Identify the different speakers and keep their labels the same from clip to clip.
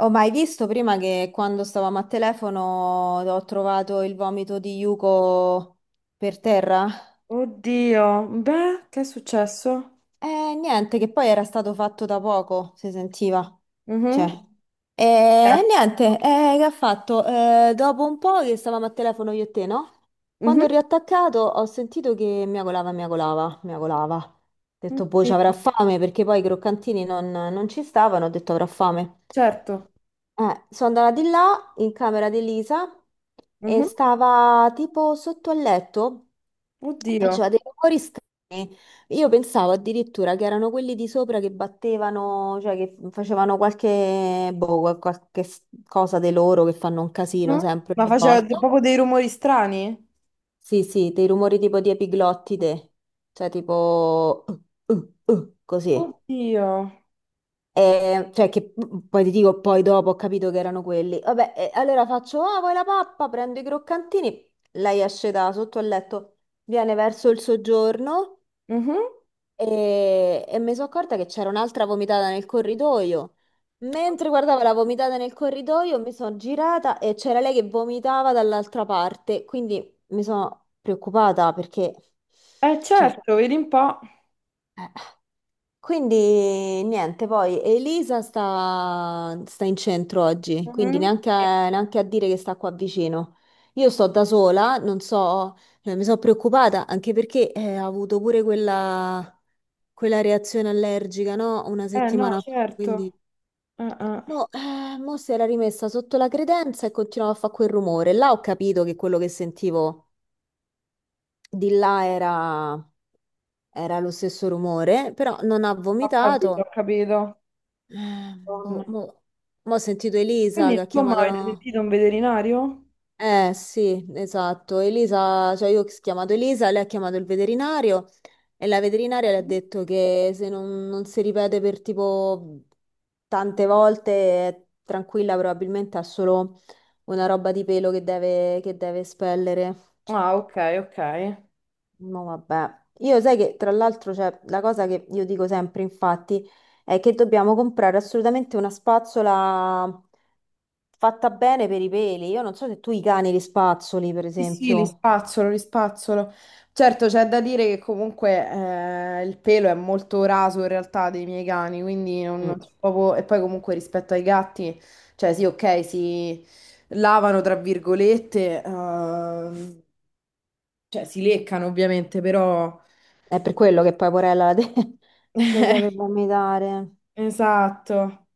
Speaker 1: Ho mai visto prima che quando stavamo a telefono ho trovato il vomito di Yuko per terra?
Speaker 2: Oddio, beh, che è successo?
Speaker 1: Niente, che poi era stato fatto da poco, si sentiva. Cioè,
Speaker 2: Mhm. Era-
Speaker 1: niente, che ha fatto? Dopo un po' che stavamo a telefono io e te, no? Quando
Speaker 2: mhm.
Speaker 1: ho riattaccato ho sentito che miagolava, miagolava, miagolava. Ho detto, boh, ci avrà
Speaker 2: Oddio.
Speaker 1: fame, perché poi i croccantini non ci stavano, ho detto avrà fame.
Speaker 2: Certo.
Speaker 1: Sono andata di là in camera di Lisa e
Speaker 2: Mhm.
Speaker 1: stava tipo sotto al letto,
Speaker 2: Oddio.
Speaker 1: faceva dei rumori strani. Io pensavo addirittura che erano quelli di sopra che battevano, cioè che facevano qualche, boh, qualche cosa di loro che fanno un casino
Speaker 2: Mhm.
Speaker 1: sempre
Speaker 2: Ma
Speaker 1: ogni
Speaker 2: faceva
Speaker 1: volta.
Speaker 2: proprio dei rumori strani?
Speaker 1: Sì, sì, dei rumori tipo di epiglottide, cioè tipo uh, così.
Speaker 2: Oddio.
Speaker 1: Cioè che poi ti dico, poi dopo ho capito che erano quelli. Vabbè, allora faccio, ah, vuoi la pappa? Prendo i croccantini. Lei esce da sotto al letto, viene verso il soggiorno
Speaker 2: Mhm.
Speaker 1: e mi sono accorta che c'era un'altra vomitata nel corridoio. Mentre guardavo la vomitata nel corridoio, mi sono girata e c'era lei che vomitava dall'altra parte. Quindi mi sono preoccupata perché, cioè,
Speaker 2: Certo, vedi un po'.
Speaker 1: eh, Quindi niente, poi Elisa sta in centro oggi, quindi
Speaker 2: Mhm.
Speaker 1: neanche
Speaker 2: Sì.
Speaker 1: a, neanche a dire che sta qua vicino. Io sto da sola, non so, mi sono preoccupata anche perché ha avuto pure quella reazione allergica, no? Una
Speaker 2: No,
Speaker 1: settimana fa, quindi
Speaker 2: certo. Eh, eh,
Speaker 1: mo si era rimessa sotto la credenza e continuava a fare quel rumore. Là ho capito che quello che sentivo di là era lo stesso rumore, però non ha
Speaker 2: Ho capito, ho
Speaker 1: vomitato.
Speaker 2: capito.
Speaker 1: Eh, boh,
Speaker 2: Madonna.
Speaker 1: mo, mo ho sentito Elisa che
Speaker 2: Quindi,
Speaker 1: ha
Speaker 2: insomma,
Speaker 1: chiamato
Speaker 2: avete
Speaker 1: la...
Speaker 2: sentito un veterinario?
Speaker 1: Eh sì, esatto, Elisa, cioè io ho chiamato Elisa, lei ha chiamato il veterinario e la veterinaria le ha detto che se non si ripete per tipo tante volte è tranquilla, probabilmente ha solo una roba di pelo che deve espellere.
Speaker 2: Ah, ok, ok.
Speaker 1: No, vabbè. Io sai che tra l'altro c'è la cosa che io dico sempre, infatti, è che dobbiamo comprare assolutamente una spazzola fatta bene per i peli. Io non so se tu i cani li spazzoli, per
Speaker 2: Sì, sì, li
Speaker 1: esempio.
Speaker 2: spazzolo, li spazzolo. Certo, c'è da dire che comunque il pelo è molto raso in realtà dei miei cani, quindi non
Speaker 1: Mm.
Speaker 2: c'è proprio. E poi comunque rispetto ai gatti, cioè sì, ok, si lavano tra virgolette, cioè si leccano ovviamente, però.
Speaker 1: È per quello che poi Porella lo deve vomitare.
Speaker 2: Esatto.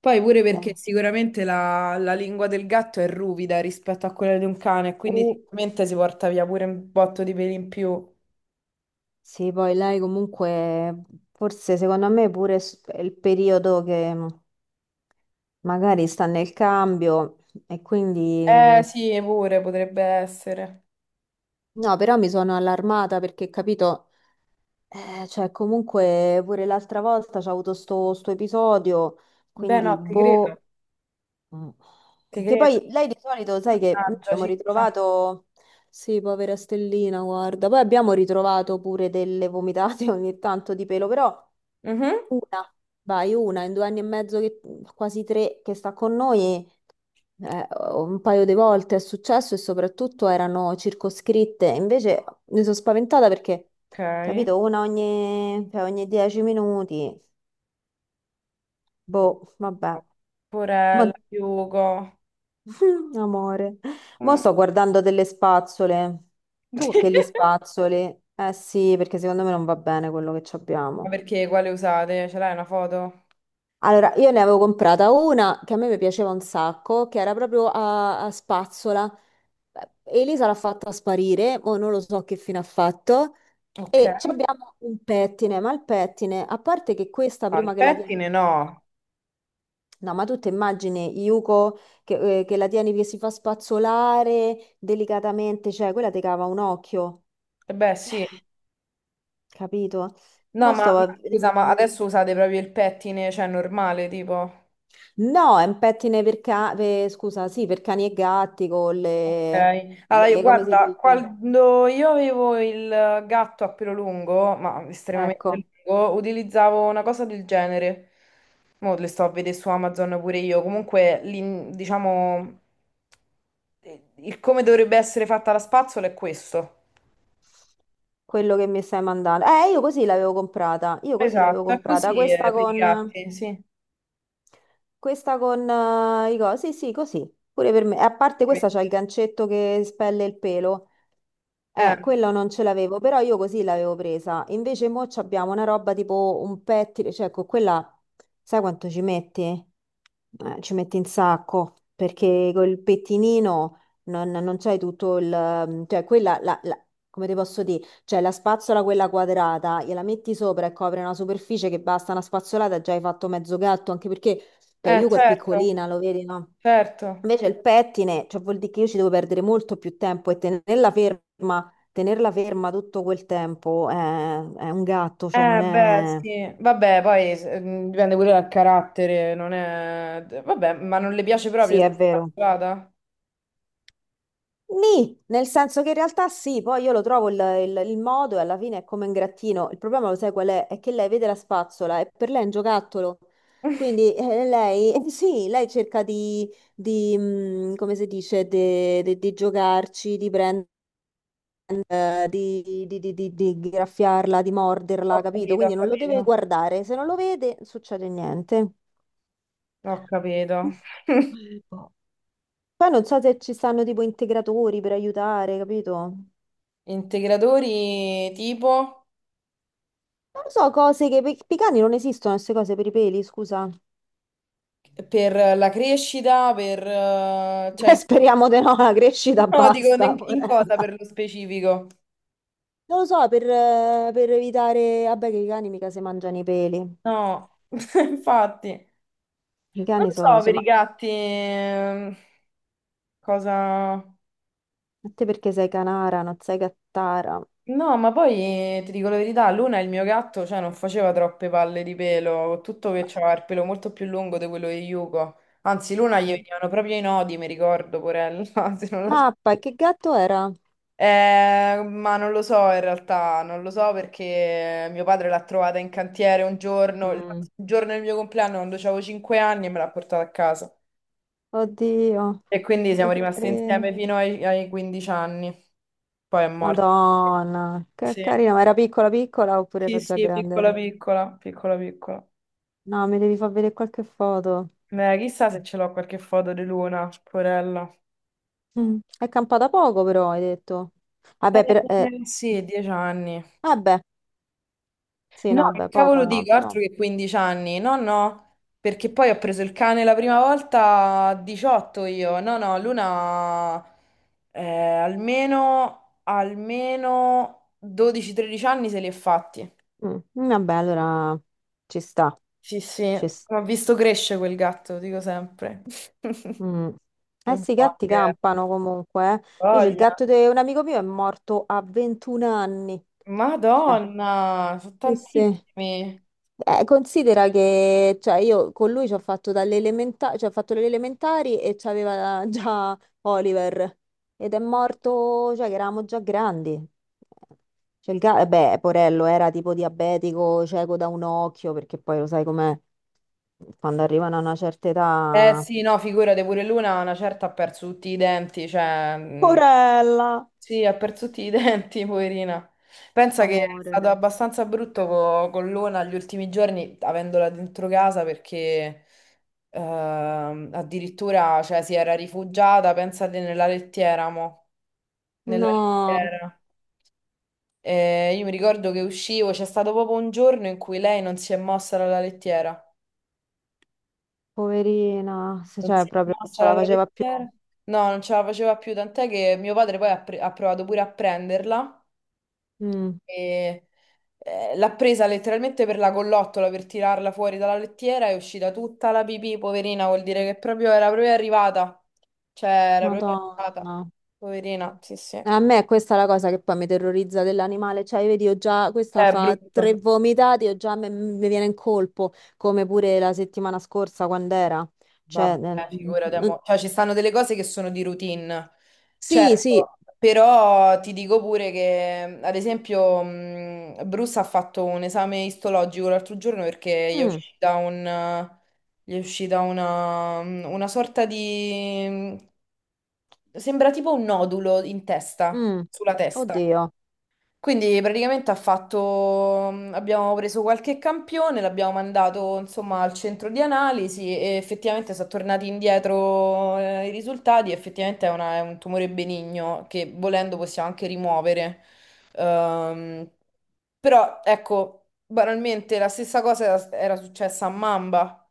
Speaker 2: Poi pure perché
Speaker 1: Eh.
Speaker 2: sicuramente la lingua del gatto è ruvida rispetto a quella di un cane, quindi
Speaker 1: Uh,
Speaker 2: sicuramente si porta via pure un botto di peli in più.
Speaker 1: sì, poi lei comunque, forse secondo me pure è il periodo che magari sta nel cambio e
Speaker 2: Eh
Speaker 1: quindi...
Speaker 2: sì, pure potrebbe essere.
Speaker 1: No, però mi sono allarmata perché, capito, cioè comunque pure l'altra volta c'è avuto sto episodio,
Speaker 2: Beh,
Speaker 1: quindi
Speaker 2: no, ti credo,
Speaker 1: boh. Mm.
Speaker 2: ti
Speaker 1: Che
Speaker 2: credo.
Speaker 1: poi lei di solito, sai che noi
Speaker 2: Mannaggia,
Speaker 1: abbiamo
Speaker 2: ciccia.
Speaker 1: ritrovato, sì, povera Stellina, guarda, poi abbiamo ritrovato pure delle vomitate ogni tanto di pelo, però
Speaker 2: Mhm.
Speaker 1: una, vai, una in 2 anni e mezzo, quasi tre, che sta con noi, un paio di volte è successo e soprattutto erano circoscritte. Invece mi sono spaventata perché,
Speaker 2: Ok.
Speaker 1: capito, una ogni, cioè ogni 10 minuti. Boh, vabbè.
Speaker 2: Porella,
Speaker 1: Ma-
Speaker 2: Hugo.
Speaker 1: Amore. Mo
Speaker 2: Mm.
Speaker 1: sto guardando delle spazzole. Tu che li spazzoli? Eh sì, perché secondo me non va bene quello che ci
Speaker 2: Ma
Speaker 1: abbiamo.
Speaker 2: perché quale usate? Ce l'hai una foto?
Speaker 1: Allora, io ne avevo comprata una che a me mi piaceva un sacco, che era proprio a spazzola. Elisa l'ha fatta sparire, o non lo so che fine ha fatto.
Speaker 2: Ok.
Speaker 1: E ci abbiamo un pettine, ma il pettine, a parte che questa
Speaker 2: No, il
Speaker 1: prima che la tieni,
Speaker 2: pettine no.
Speaker 1: no, ma tu ti immagini Yuko che la tieni che si fa spazzolare delicatamente, cioè quella ti cava un occhio,
Speaker 2: Eh, beh, sì.
Speaker 1: capito?
Speaker 2: No,
Speaker 1: Mo
Speaker 2: ma,
Speaker 1: stavo
Speaker 2: ma
Speaker 1: a vedere.
Speaker 2: scusa, ma adesso usate proprio il pettine, cioè normale, tipo.
Speaker 1: No, è un pettine per, scusa, sì, per cani e gatti con
Speaker 2: Ok,
Speaker 1: le,
Speaker 2: allora
Speaker 1: come si
Speaker 2: guarda,
Speaker 1: dice?
Speaker 2: quando io avevo il gatto a pelo lungo, ma estremamente
Speaker 1: Ecco,
Speaker 2: lungo, utilizzavo una cosa del genere. Mo' le sto a vedere su Amazon pure io. Comunque, diciamo, il come dovrebbe essere fatta la spazzola è questo.
Speaker 1: quello che mi stai mandando. Io così l'avevo comprata, io così l'avevo
Speaker 2: Esatto, è
Speaker 1: comprata,
Speaker 2: così
Speaker 1: questa
Speaker 2: per i
Speaker 1: con...
Speaker 2: gatti, sì.
Speaker 1: Questa con i cosi, sì, sì, così, pure per me. E a parte
Speaker 2: Eh,
Speaker 1: questa c'ha il gancetto che spelle il pelo. Quella non ce l'avevo, però io così l'avevo presa. Invece mo abbiamo una roba tipo un pettine, cioè con quella, sai quanto ci metti? Ci metti un sacco perché col pettinino non c'hai tutto il... Cioè quella, come ti posso dire, cioè la spazzola quella quadrata, gliela metti sopra e copre una superficie che basta una spazzolata e già hai fatto mezzo gatto, anche perché cioè,
Speaker 2: eh,
Speaker 1: Yuko è
Speaker 2: certo,
Speaker 1: piccolina, lo vedi, no?
Speaker 2: certo.
Speaker 1: Invece il pettine, cioè vuol dire che io ci devo perdere molto più tempo e tenerla ferma tutto quel tempo è un gatto, cioè non
Speaker 2: Beh,
Speaker 1: è...
Speaker 2: sì, vabbè, poi dipende pure dal carattere, non è. Vabbè, ma non le piace proprio
Speaker 1: Sì, è
Speaker 2: essere
Speaker 1: vero.
Speaker 2: incastrata?
Speaker 1: Nì, nel senso che in realtà sì, poi io lo trovo il modo e alla fine è come un grattino. Il problema lo sai qual è? È che lei vede la spazzola e per lei è un giocattolo. Quindi lei, sì, lei cerca di, come si dice, di giocarci, di prendere, di graffiarla, di
Speaker 2: Ho
Speaker 1: morderla, capito?
Speaker 2: capito, ho
Speaker 1: Quindi non lo deve
Speaker 2: capito,
Speaker 1: guardare. Se non lo vede, non succede niente.
Speaker 2: ho capito.
Speaker 1: Boh. Poi non so se ci stanno tipo integratori per aiutare, capito?
Speaker 2: Integratori tipo
Speaker 1: Non lo so, cose che per i cani non esistono, queste cose per i peli, scusa.
Speaker 2: per la crescita, per. Cioè,
Speaker 1: Beh, speriamo di no, la crescita
Speaker 2: no, dico
Speaker 1: basta,
Speaker 2: in cosa
Speaker 1: porella.
Speaker 2: per lo specifico?
Speaker 1: Non lo so, per evitare... Vabbè, che i cani mica si mangiano i peli.
Speaker 2: No, infatti, non
Speaker 1: I cani sono...
Speaker 2: so per
Speaker 1: Ma
Speaker 2: i gatti cosa.
Speaker 1: a te perché sei canara, non sei cattara?
Speaker 2: No, ma poi ti dico la verità, Luna, il mio gatto, cioè, non faceva troppe palle di pelo, con tutto che
Speaker 1: Ma,
Speaker 2: c'aveva il pelo molto più lungo di quello di Yuko. Anzi, Luna gli
Speaker 1: Eh.
Speaker 2: venivano proprio i nodi, mi ricordo, porella, se non la- sp-
Speaker 1: mappa, e che gatto era?
Speaker 2: Ma non lo so in realtà, non lo so perché mio padre l'ha trovata in cantiere un giorno, il
Speaker 1: Mm.
Speaker 2: giorno del mio compleanno, quando avevo 5 anni, e me l'ha portata a casa.
Speaker 1: Oddio,
Speaker 2: E quindi siamo
Speaker 1: che
Speaker 2: rimasti
Speaker 1: carino.
Speaker 2: insieme fino ai 15 anni. Poi è morto.
Speaker 1: Madonna, che
Speaker 2: Sì.
Speaker 1: carina. Ma era piccola piccola oppure
Speaker 2: Sì,
Speaker 1: era già
Speaker 2: sì, piccola
Speaker 1: grande?
Speaker 2: piccola, piccola piccola.
Speaker 1: No, mi devi far vedere qualche foto.
Speaker 2: Ma chissà se ce l'ho qualche foto di Luna, porella.
Speaker 1: Mm. È campata poco però, hai detto. Vabbè,
Speaker 2: Eh, sì, 10 anni.
Speaker 1: vabbè, sì,
Speaker 2: No,
Speaker 1: no,
Speaker 2: che
Speaker 1: vabbè, poco
Speaker 2: cavolo
Speaker 1: no,
Speaker 2: dico,
Speaker 1: però.
Speaker 2: altro che 15 anni. No, no, perché poi ho preso il cane la prima volta a 18 io. No, no, Luna almeno, almeno 12-13 anni se li è fatti.
Speaker 1: Mm. Vabbè, allora ci sta,
Speaker 2: Sì, sì,
Speaker 1: ci sta.
Speaker 2: ho visto cresce quel gatto, dico sempre.
Speaker 1: Mm.
Speaker 2: Che
Speaker 1: Eh sì, i
Speaker 2: buono
Speaker 1: gatti
Speaker 2: che è.
Speaker 1: campano comunque. Invece il
Speaker 2: Voglia.
Speaker 1: gatto di un amico mio è morto a 21 anni. Cioè,
Speaker 2: Madonna, sono
Speaker 1: sì, sì.
Speaker 2: tantissimi.
Speaker 1: Considera che cioè, io con lui ci ho fatto dalle cioè, ho fatto le elementari e c'aveva già Oliver ed è morto, cioè che eravamo già grandi. Cioè, beh, Porello era tipo diabetico, cieco da un occhio, perché poi lo sai com'è, quando arrivano a una certa
Speaker 2: Eh
Speaker 1: età...
Speaker 2: sì, no, figurati, pure Luna una certa ha perso tutti i denti, cioè,
Speaker 1: Porella!
Speaker 2: sì, ha perso tutti i denti, poverina. Pensa che è
Speaker 1: Amore.
Speaker 2: stato abbastanza brutto con Luna gli ultimi giorni, avendola dentro casa, perché addirittura, cioè, si era rifugiata, pensate, nella lettiera, mo, nella
Speaker 1: No,
Speaker 2: lettiera. E io mi ricordo che uscivo, c'è stato proprio un giorno in cui lei non si è mossa dalla lettiera.
Speaker 1: poverina,
Speaker 2: Non
Speaker 1: cioè
Speaker 2: si è
Speaker 1: proprio non
Speaker 2: mossa
Speaker 1: ce la
Speaker 2: la
Speaker 1: faceva più.
Speaker 2: lettiera? No, non ce la faceva più, tant'è che mio padre poi ha provato pure a prenderla
Speaker 1: Mm,
Speaker 2: e l'ha presa letteralmente per la collottola per tirarla fuori dalla lettiera, è uscita tutta la pipì, poverina, vuol dire che proprio era proprio arrivata. Cioè, era proprio
Speaker 1: Madonna.
Speaker 2: arrivata. Poverina, sì, sì.
Speaker 1: A me questa è la cosa che poi mi terrorizza dell'animale, cioè vedi, ho già, questa
Speaker 2: È
Speaker 1: fa tre
Speaker 2: brutto.
Speaker 1: vomitati, ho già, mi viene in colpo, come pure la settimana scorsa quando era. Cioè,
Speaker 2: Vabbè, figurati, amore. Cioè, ci stanno delle cose che sono di routine,
Speaker 1: sì, sì,
Speaker 2: certo, però ti dico pure che, ad esempio, Bruce ha fatto un esame istologico l'altro giorno perché
Speaker 1: Mm,
Speaker 2: gli è uscita una sorta di. Sembra tipo un nodulo in testa,
Speaker 1: mm.
Speaker 2: sulla testa.
Speaker 1: Oddio.
Speaker 2: Quindi praticamente ha fatto, abbiamo preso qualche campione, l'abbiamo mandato insomma al centro di analisi e effettivamente sono tornati indietro i risultati, effettivamente è, è un tumore benigno che volendo possiamo anche rimuovere. Ehm, però ecco, banalmente la stessa cosa era successa a Mamba,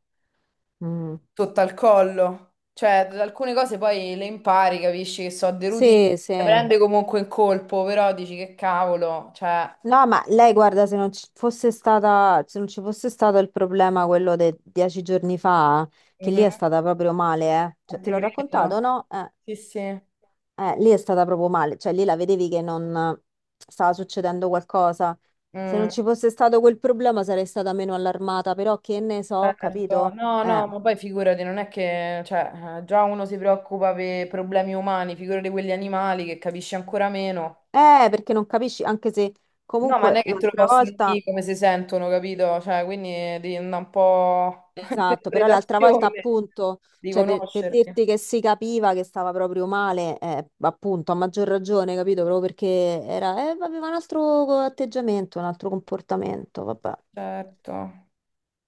Speaker 1: Mm.
Speaker 2: sotto al collo, cioè alcune cose poi le impari, capisci che so, deruti,
Speaker 1: Sì, sì.
Speaker 2: le prende comunque in colpo, però dici che cavolo, cioè.
Speaker 1: No, ma lei guarda, se non ci fosse stata, se non ci fosse stato il problema quello dei 10 giorni fa, che lì è stata proprio male, eh.
Speaker 2: A
Speaker 1: Cioè, te
Speaker 2: te
Speaker 1: l'ho
Speaker 2: credo.
Speaker 1: raccontato, no?
Speaker 2: Sì, sì.
Speaker 1: Lì è stata proprio male, cioè lì la vedevi che non stava succedendo qualcosa. Se non
Speaker 2: Mm.
Speaker 1: ci fosse stato quel problema sarei stata meno allarmata, però che ne so,
Speaker 2: Certo.
Speaker 1: capito?
Speaker 2: No,
Speaker 1: Eh,
Speaker 2: no, ma poi figurati, non è che, cioè, già uno si preoccupa per problemi umani, figurati quelli animali che capisci ancora meno.
Speaker 1: Perché non capisci, anche se
Speaker 2: No, ma non
Speaker 1: comunque
Speaker 2: è che te lo
Speaker 1: l'altra
Speaker 2: possono
Speaker 1: volta,
Speaker 2: dire come si sentono, capito? Cioè, quindi devi andare un po' a
Speaker 1: esatto, però l'altra volta
Speaker 2: interpretazione
Speaker 1: appunto,
Speaker 2: di
Speaker 1: cioè per
Speaker 2: conoscerti.
Speaker 1: dirti che si capiva che stava proprio male, appunto, a maggior ragione, capito? Proprio perché aveva un altro atteggiamento, un altro comportamento, vabbè.
Speaker 2: Certo,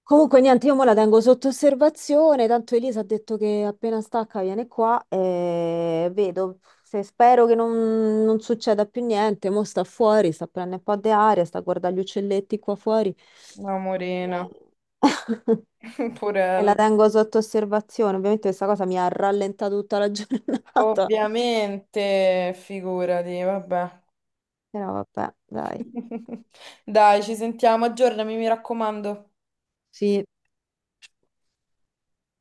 Speaker 1: Comunque niente, io mo la tengo sotto osservazione, tanto Elisa ha detto che appena stacca viene qua e vedo, se spero che non succeda più niente, mo sta fuori, sta prendendo un po' di aria, sta a guardare gli uccelletti qua fuori.
Speaker 2: amorina,
Speaker 1: Eh. E la
Speaker 2: purella.
Speaker 1: tengo sotto osservazione. Ovviamente questa cosa mi ha rallentato tutta la giornata,
Speaker 2: Ovviamente, figurati, vabbè.
Speaker 1: però vabbè, dai.
Speaker 2: Dai, ci sentiamo, aggiornami, mi raccomando.
Speaker 1: Sì,